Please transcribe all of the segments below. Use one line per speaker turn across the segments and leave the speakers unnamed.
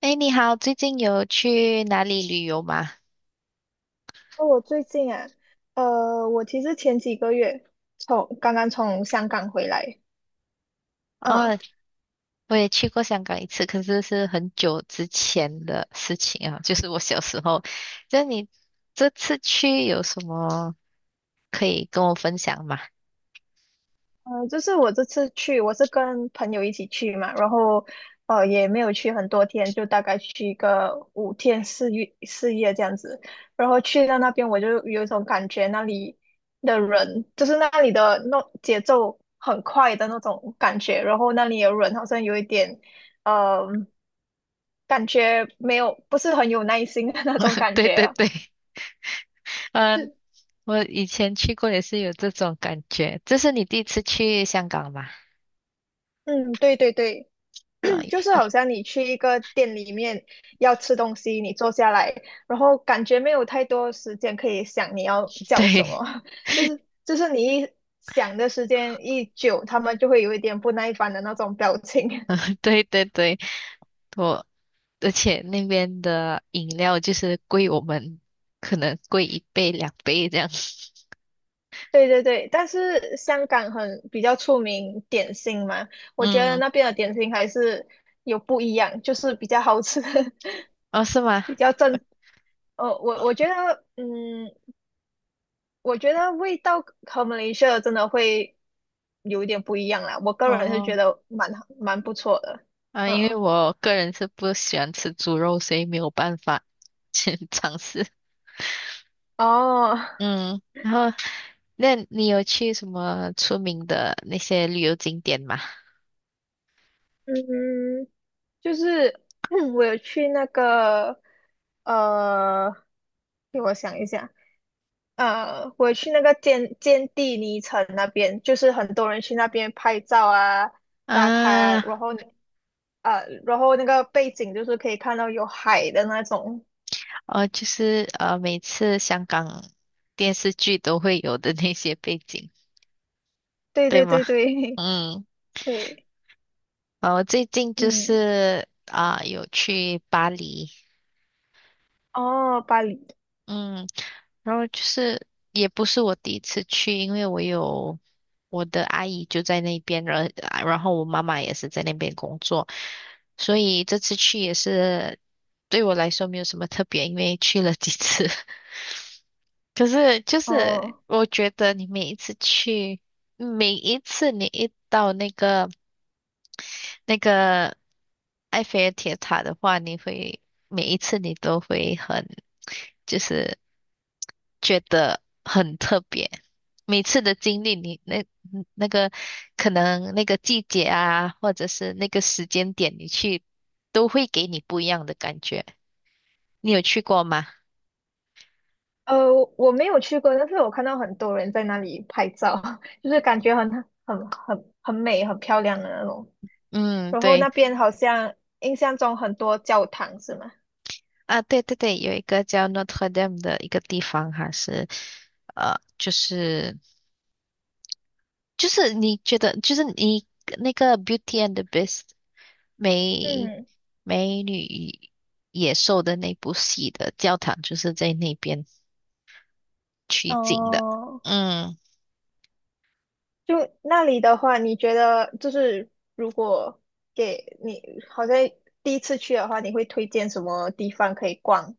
哎，你好，最近有去哪里旅游吗？
哦，我最近啊，我其实前几个月刚刚从香港回来。嗯。
哦，我也去过香港一次，可是是很久之前的事情啊，就是我小时候。就你这次去有什么可以跟我分享吗？
就是我这次去，我是跟朋友一起去嘛，然后也没有去很多天，就大概去一个五天四夜这样子。然后去到那边我就有一种感觉，那里的人就是那里的那节奏很快的那种感觉，然后那里的人好像有一点，呃，感觉没有不是很有耐心的那种 感
对
觉
对
啊。
对，嗯，我以前去过也是有这种感觉。这是你第一次去香港吗？
嗯，对对对。
啊、
就是 好像你去一个店里面要吃东西，你坐下来，然后感觉没有太多时间可以想你要叫
对
什么，就是你一想的时间一久，他们就会有一点不耐烦的那种表情。
对对对，我而且那边的饮料就是贵我们可能贵一倍两倍这样。
对对对。但是香港很比较出名点心嘛，我觉得
嗯，
那边的点心还是有不一样，就是比较好吃。
哦，是吗？
比较正。呃，我
啊
我觉得，嗯，我觉得味道和马来西亚真的会有一点不一样啦。我个人是
哦，
觉得蛮好蛮不错的。
啊，因为
嗯。
我个人是不喜欢吃猪肉，所以没有办法去 尝试。
哦。
嗯，然后那你有去什么出名的那些旅游景点吗？
嗯，就是 我有去那个呃，给我想一下，我有去那个坚地尼城那边，就是很多人去那边拍照啊、打卡
啊，
啊。然后你呃，然后那个背景就是可以看到有海的那种。
哦，就是每次香港电视剧都会有的那些背景，
对
对
对
吗？
对对。
嗯，
对。
哦，我最近就
嗯。
是啊，有去巴黎，
哦，巴黎。
嗯，然后就是也不是我第一次去，因为我有。我的阿姨就在那边，然后我妈妈也是在那边工作，所以这次去也是对我来说没有什么特别，因为去了几次。可是就是
哦，
我觉得你每一次去，每一次你一到那个埃菲尔铁塔的话，你会每一次你都会很就是觉得很特别。每次的经历，你那个可能那个季节啊，或者是那个时间点，你去都会给你不一样的感觉。你有去过吗？
呃，我没有去过，但是我看到很多人在那里拍照，就是感觉很很美、很漂亮的那种。
嗯，
然后
对
那边好像印象中很多教堂是吗？
啊，对对对，有一个叫 Notre Dame 的一个地方，还是呃，就是就是你觉得就是你那个 Beauty and the Beast 美
嗯。
美女与野兽的那部戏的教堂，就是在那边。取景的。
哦，
嗯，
就那里的话，你觉得就是如果给你好像第一次去的话，你会推荐什么地方可以逛？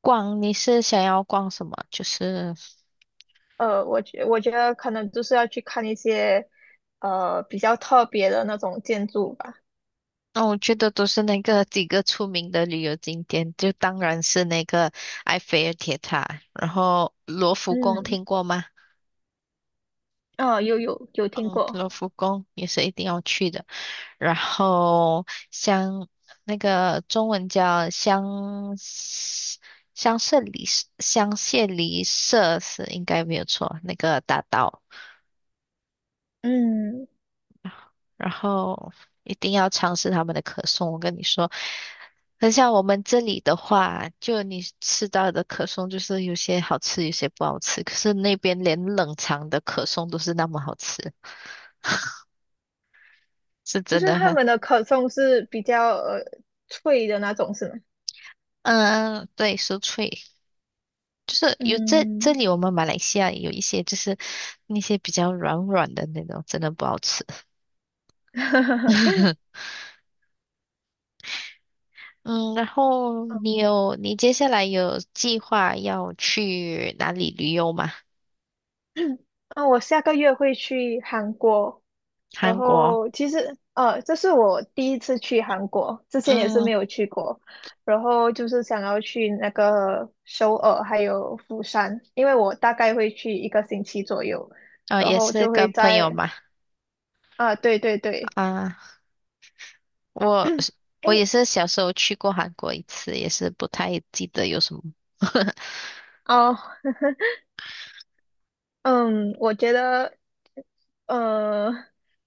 逛你是想要逛什么？就是，
我觉得可能就是要去看一些比较特别的那种建筑吧。
那、我觉得都是那个几个出名的旅游景点，就当然是那个埃菲尔铁塔，然后罗浮宫
嗯。
听过吗？
啊，有听
嗯，
过。
罗浮宫也是一定要去的。然后像那个中文叫香榭里舍是应该没有错，那个大道。
嗯，
然后一定要尝试他们的可颂。我跟你说，很像我们这里的话，就你吃到的可颂，就是有些好吃，有些不好吃。可是那边连冷藏的可颂都是那么好吃，是
就
真
是
的
他
很。
们的可颂是比较脆的那种，是吗？
嗯，对，酥脆，就是有这这
嗯。
里我们马来西亚有一些就是那些比较软软的那种，真的不好吃。嗯，然后你 有你接下来有计划要去哪里旅游吗？
啊，我下个月会去韩国。然
韩国。
后其实,这是我第一次去韩国，之前也是
嗯。
没有去过。然后就是想要去那个首尔还有釜山，因为我大概会去一个星期左右，
哦，
然
也
后
是
就会
跟朋友
在
嘛，
啊、对对对。
啊，我 我也
哎。
是小时候去过韩国一次，也是不太记得有什么。
哦。嗯，我觉得，呃，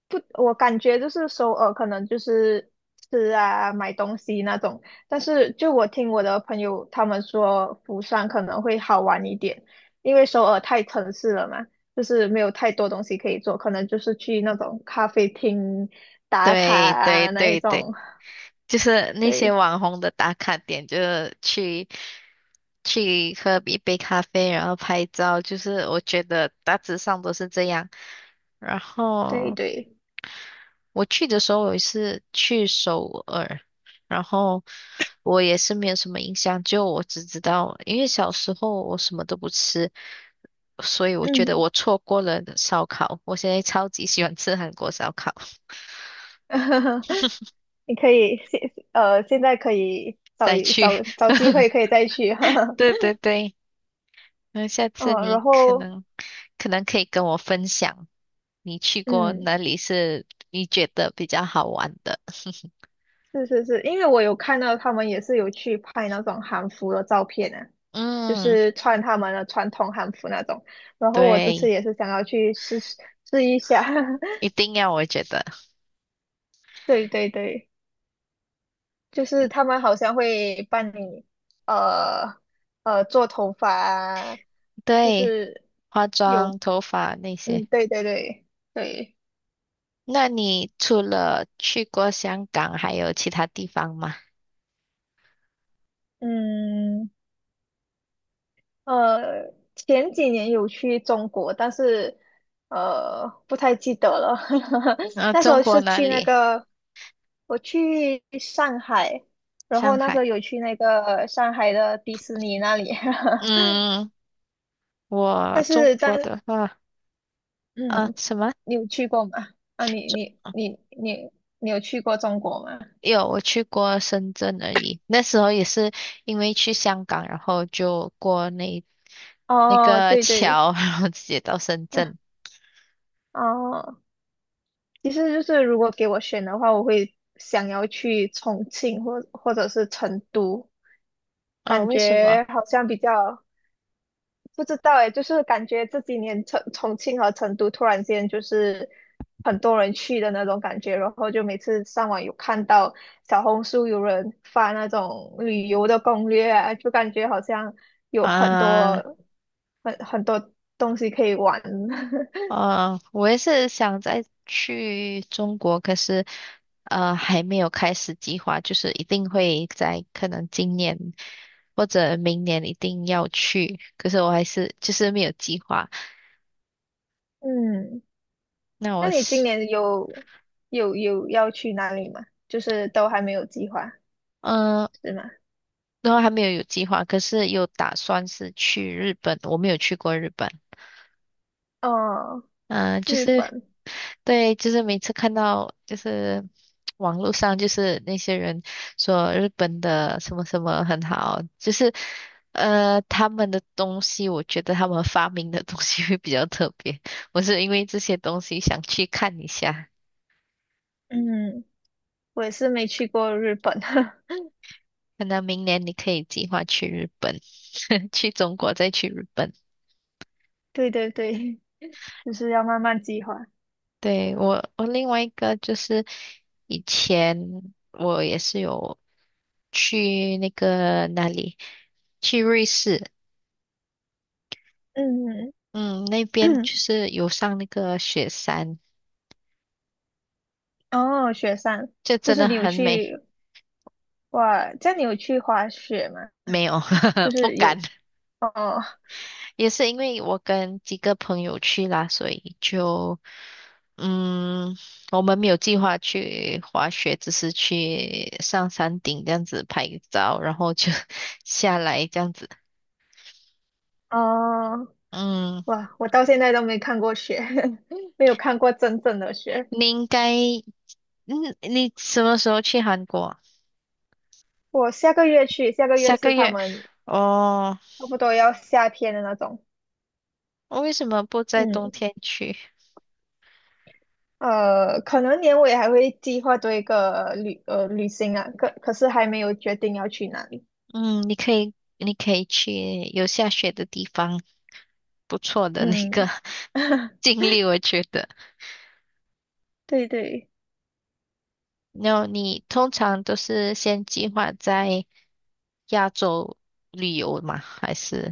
不，我感觉就是首尔可能就是吃啊、买东西那种，但是就我听我的朋友他们说，釜山可能会好玩一点，因为首尔太城市了嘛，就是没有太多东西可以做，可能就是去那种咖啡厅打卡
对对
啊那一
对对，
种。
就是那些
对
网红的打卡点，就是去喝一杯咖啡，然后拍照，就是我觉得大致上都是这样。然
对
后
对。
我去的时候，我是去首尔，然后我也是没有什么印象，就我只知道，因为小时候我什么都不吃，所以我觉
嗯。
得我错过了烧烤，我现在超级喜欢吃韩国烧烤，
你可以现呃现在可以找
再
一
去，
找找机 会可以再去。
对 对对，那下次
嗯。然
你可
后
能可能可以跟我分享你去过
嗯，
哪里是你觉得比较好玩的，
是是是，因为我有看到他们也是有去拍那种韩服的照片啊，就
嗯，
是穿他们的传统韩服那种。然后我这次
对，
也是想要去试一下。
一 定要，我觉得，
对对对。就是他 们好像会帮你呃做头发啊就
对，
是
化
有
妆、头发那
嗯
些。
对对对对。
那你除了去过香港，还有其他地方吗？
嗯。前几年有去中国，但是不太记得了。那时
中
候
国
是
哪
去那
里？
个，我去上海。然
上
后那时
海。
候有去那个上海的迪士尼那里。
嗯，我
但
中
是
国
在
的话，啊，
嗯，
什么？
你有去过吗？啊，
中哦
你有去过中国吗？
有，我去过深圳而已。那时候也是因为去香港，然后就过那那
哦，
个
对对。
桥，然后直接到深圳。
哦。其实就是如果给我选的话，我会想要去重庆或者是成都。
哦，
感
为什么？
觉好像比较不知道诶，就是感觉这几年重庆和成都突然间就是很多人去的那种感觉，然后就每次上网有看到小红书有人发那种旅游的攻略啊，就感觉好像有很
啊，
多很多东西可以玩。
哦，我也是想再去中国，可是还没有开始计划，就是一定会在可能今年或者明年一定要去，可是我还是就是没有计划。
嗯。
那
那
我
你今
是
年有要去哪里吗？就是都还没有计划，
嗯，
是吗？
然后还没有计划，可是有打算是去日本，我没有去过日本。
哦，
嗯，就
日
是
本。
对，就是每次看到就是网络上就是那些人说日本的什么什么很好，就是他们的东西，我觉得他们发明的东西会比较特别。我是因为这些东西想去看一下，
嗯，我也是没去过日本。
那明年你可以计划去日本，去中国再去日本。
对对对，就是要慢慢计划。
对，我另外一个就是。以前我也是有去那个哪里，去瑞士，
嗯。
嗯，那边 就是有上那个雪山，
哦，雪山。
就
就
真
是
的
你有
很美。
去。哇，这样你有去滑雪吗？
没有，
就
不
是有。
敢，
哦。
也是因为我跟几个朋友去啦，所以就嗯，我们没有计划去滑雪，只是去上山顶这样子拍照，然后就 下来这样子。
哦。
嗯，
哇，我到现在都没看过雪。没有看过真正的雪。
你应该，你什么时候去韩国啊
我下个月去，下个
下
月
个
是他
月
们
哦，
差不多要夏天的那种。
我为什么不在冬
嗯。
天去？
可能年尾还会计划做一个旅行啊，可是还没有决定要去哪里。
嗯，你可以去有下雪的地方，不错的那个
嗯。
经历，我觉得。
对对。
然后你通常都是先计划在亚洲旅游吗？还是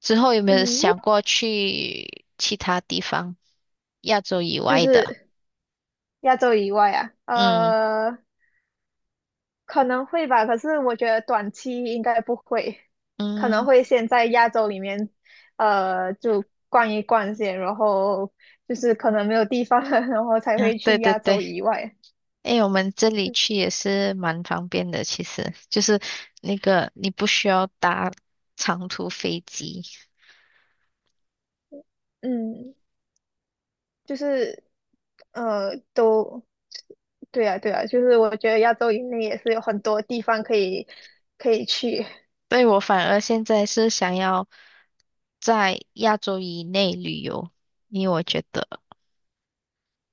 之后有没有
嗯，
想过去其他地方，亚洲以
就
外的？
是亚洲以外啊。
嗯
可能会吧，可是我觉得短期应该不会，可能
嗯
会先在亚洲里面。就逛一逛先，然后就是可能没有地方了，然后才
啊，
会
对
去
对
亚洲
对。
以外。
诶，我们这里去也是蛮方便的，其实就是那个你不需要搭长途飞机。
嗯。就是呃都对啊对啊，就是我觉得亚洲以内也是有很多地方可以去。
对，我反而现在是想要在亚洲以内旅游，因为我觉得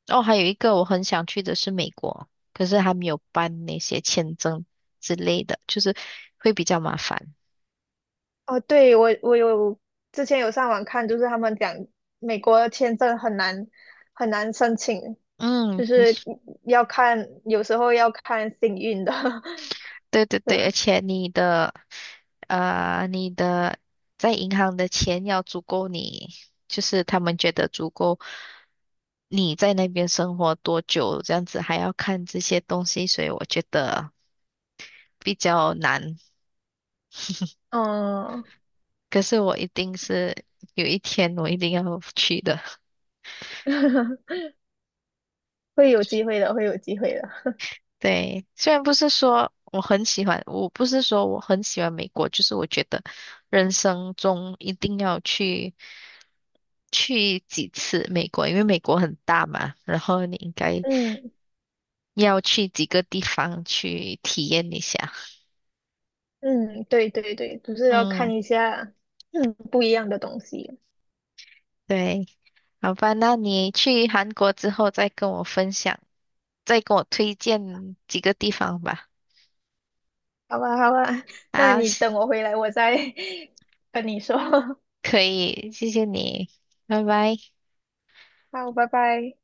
哦，还有一个我很想去的是美国，可是还没有办那些签证之类的，就是会比较麻烦。
哦，对，我有之前有上网看，就是他们讲美国的签证很难很难申请，
嗯，
就是要看有时候要看幸运的。
对对
是
对，而
吗？
且你的在银行的钱要足够你，就是他们觉得足够你在那边生活多久，这样子还要看这些东西，所以我觉得比较难。
嗯。
可是我一定是有一天我一定要去的。
会有机会的，会有机会的。
对，虽然不是说我很喜欢，我不是说我很喜欢美国，就是我觉得人生中一定要去几次美国，因为美国很大嘛，然后你应该
嗯
要去几个地方去体验一下。
嗯，对对对，就是要看
嗯，
一下 不一样的东西。
对，好吧，那你去韩国之后再跟我分享，再跟我推荐几个地方吧。
好吧，好吧。那
啊，
你等我回来，我再 跟你说。
可以，谢谢你，拜拜。
好，拜拜。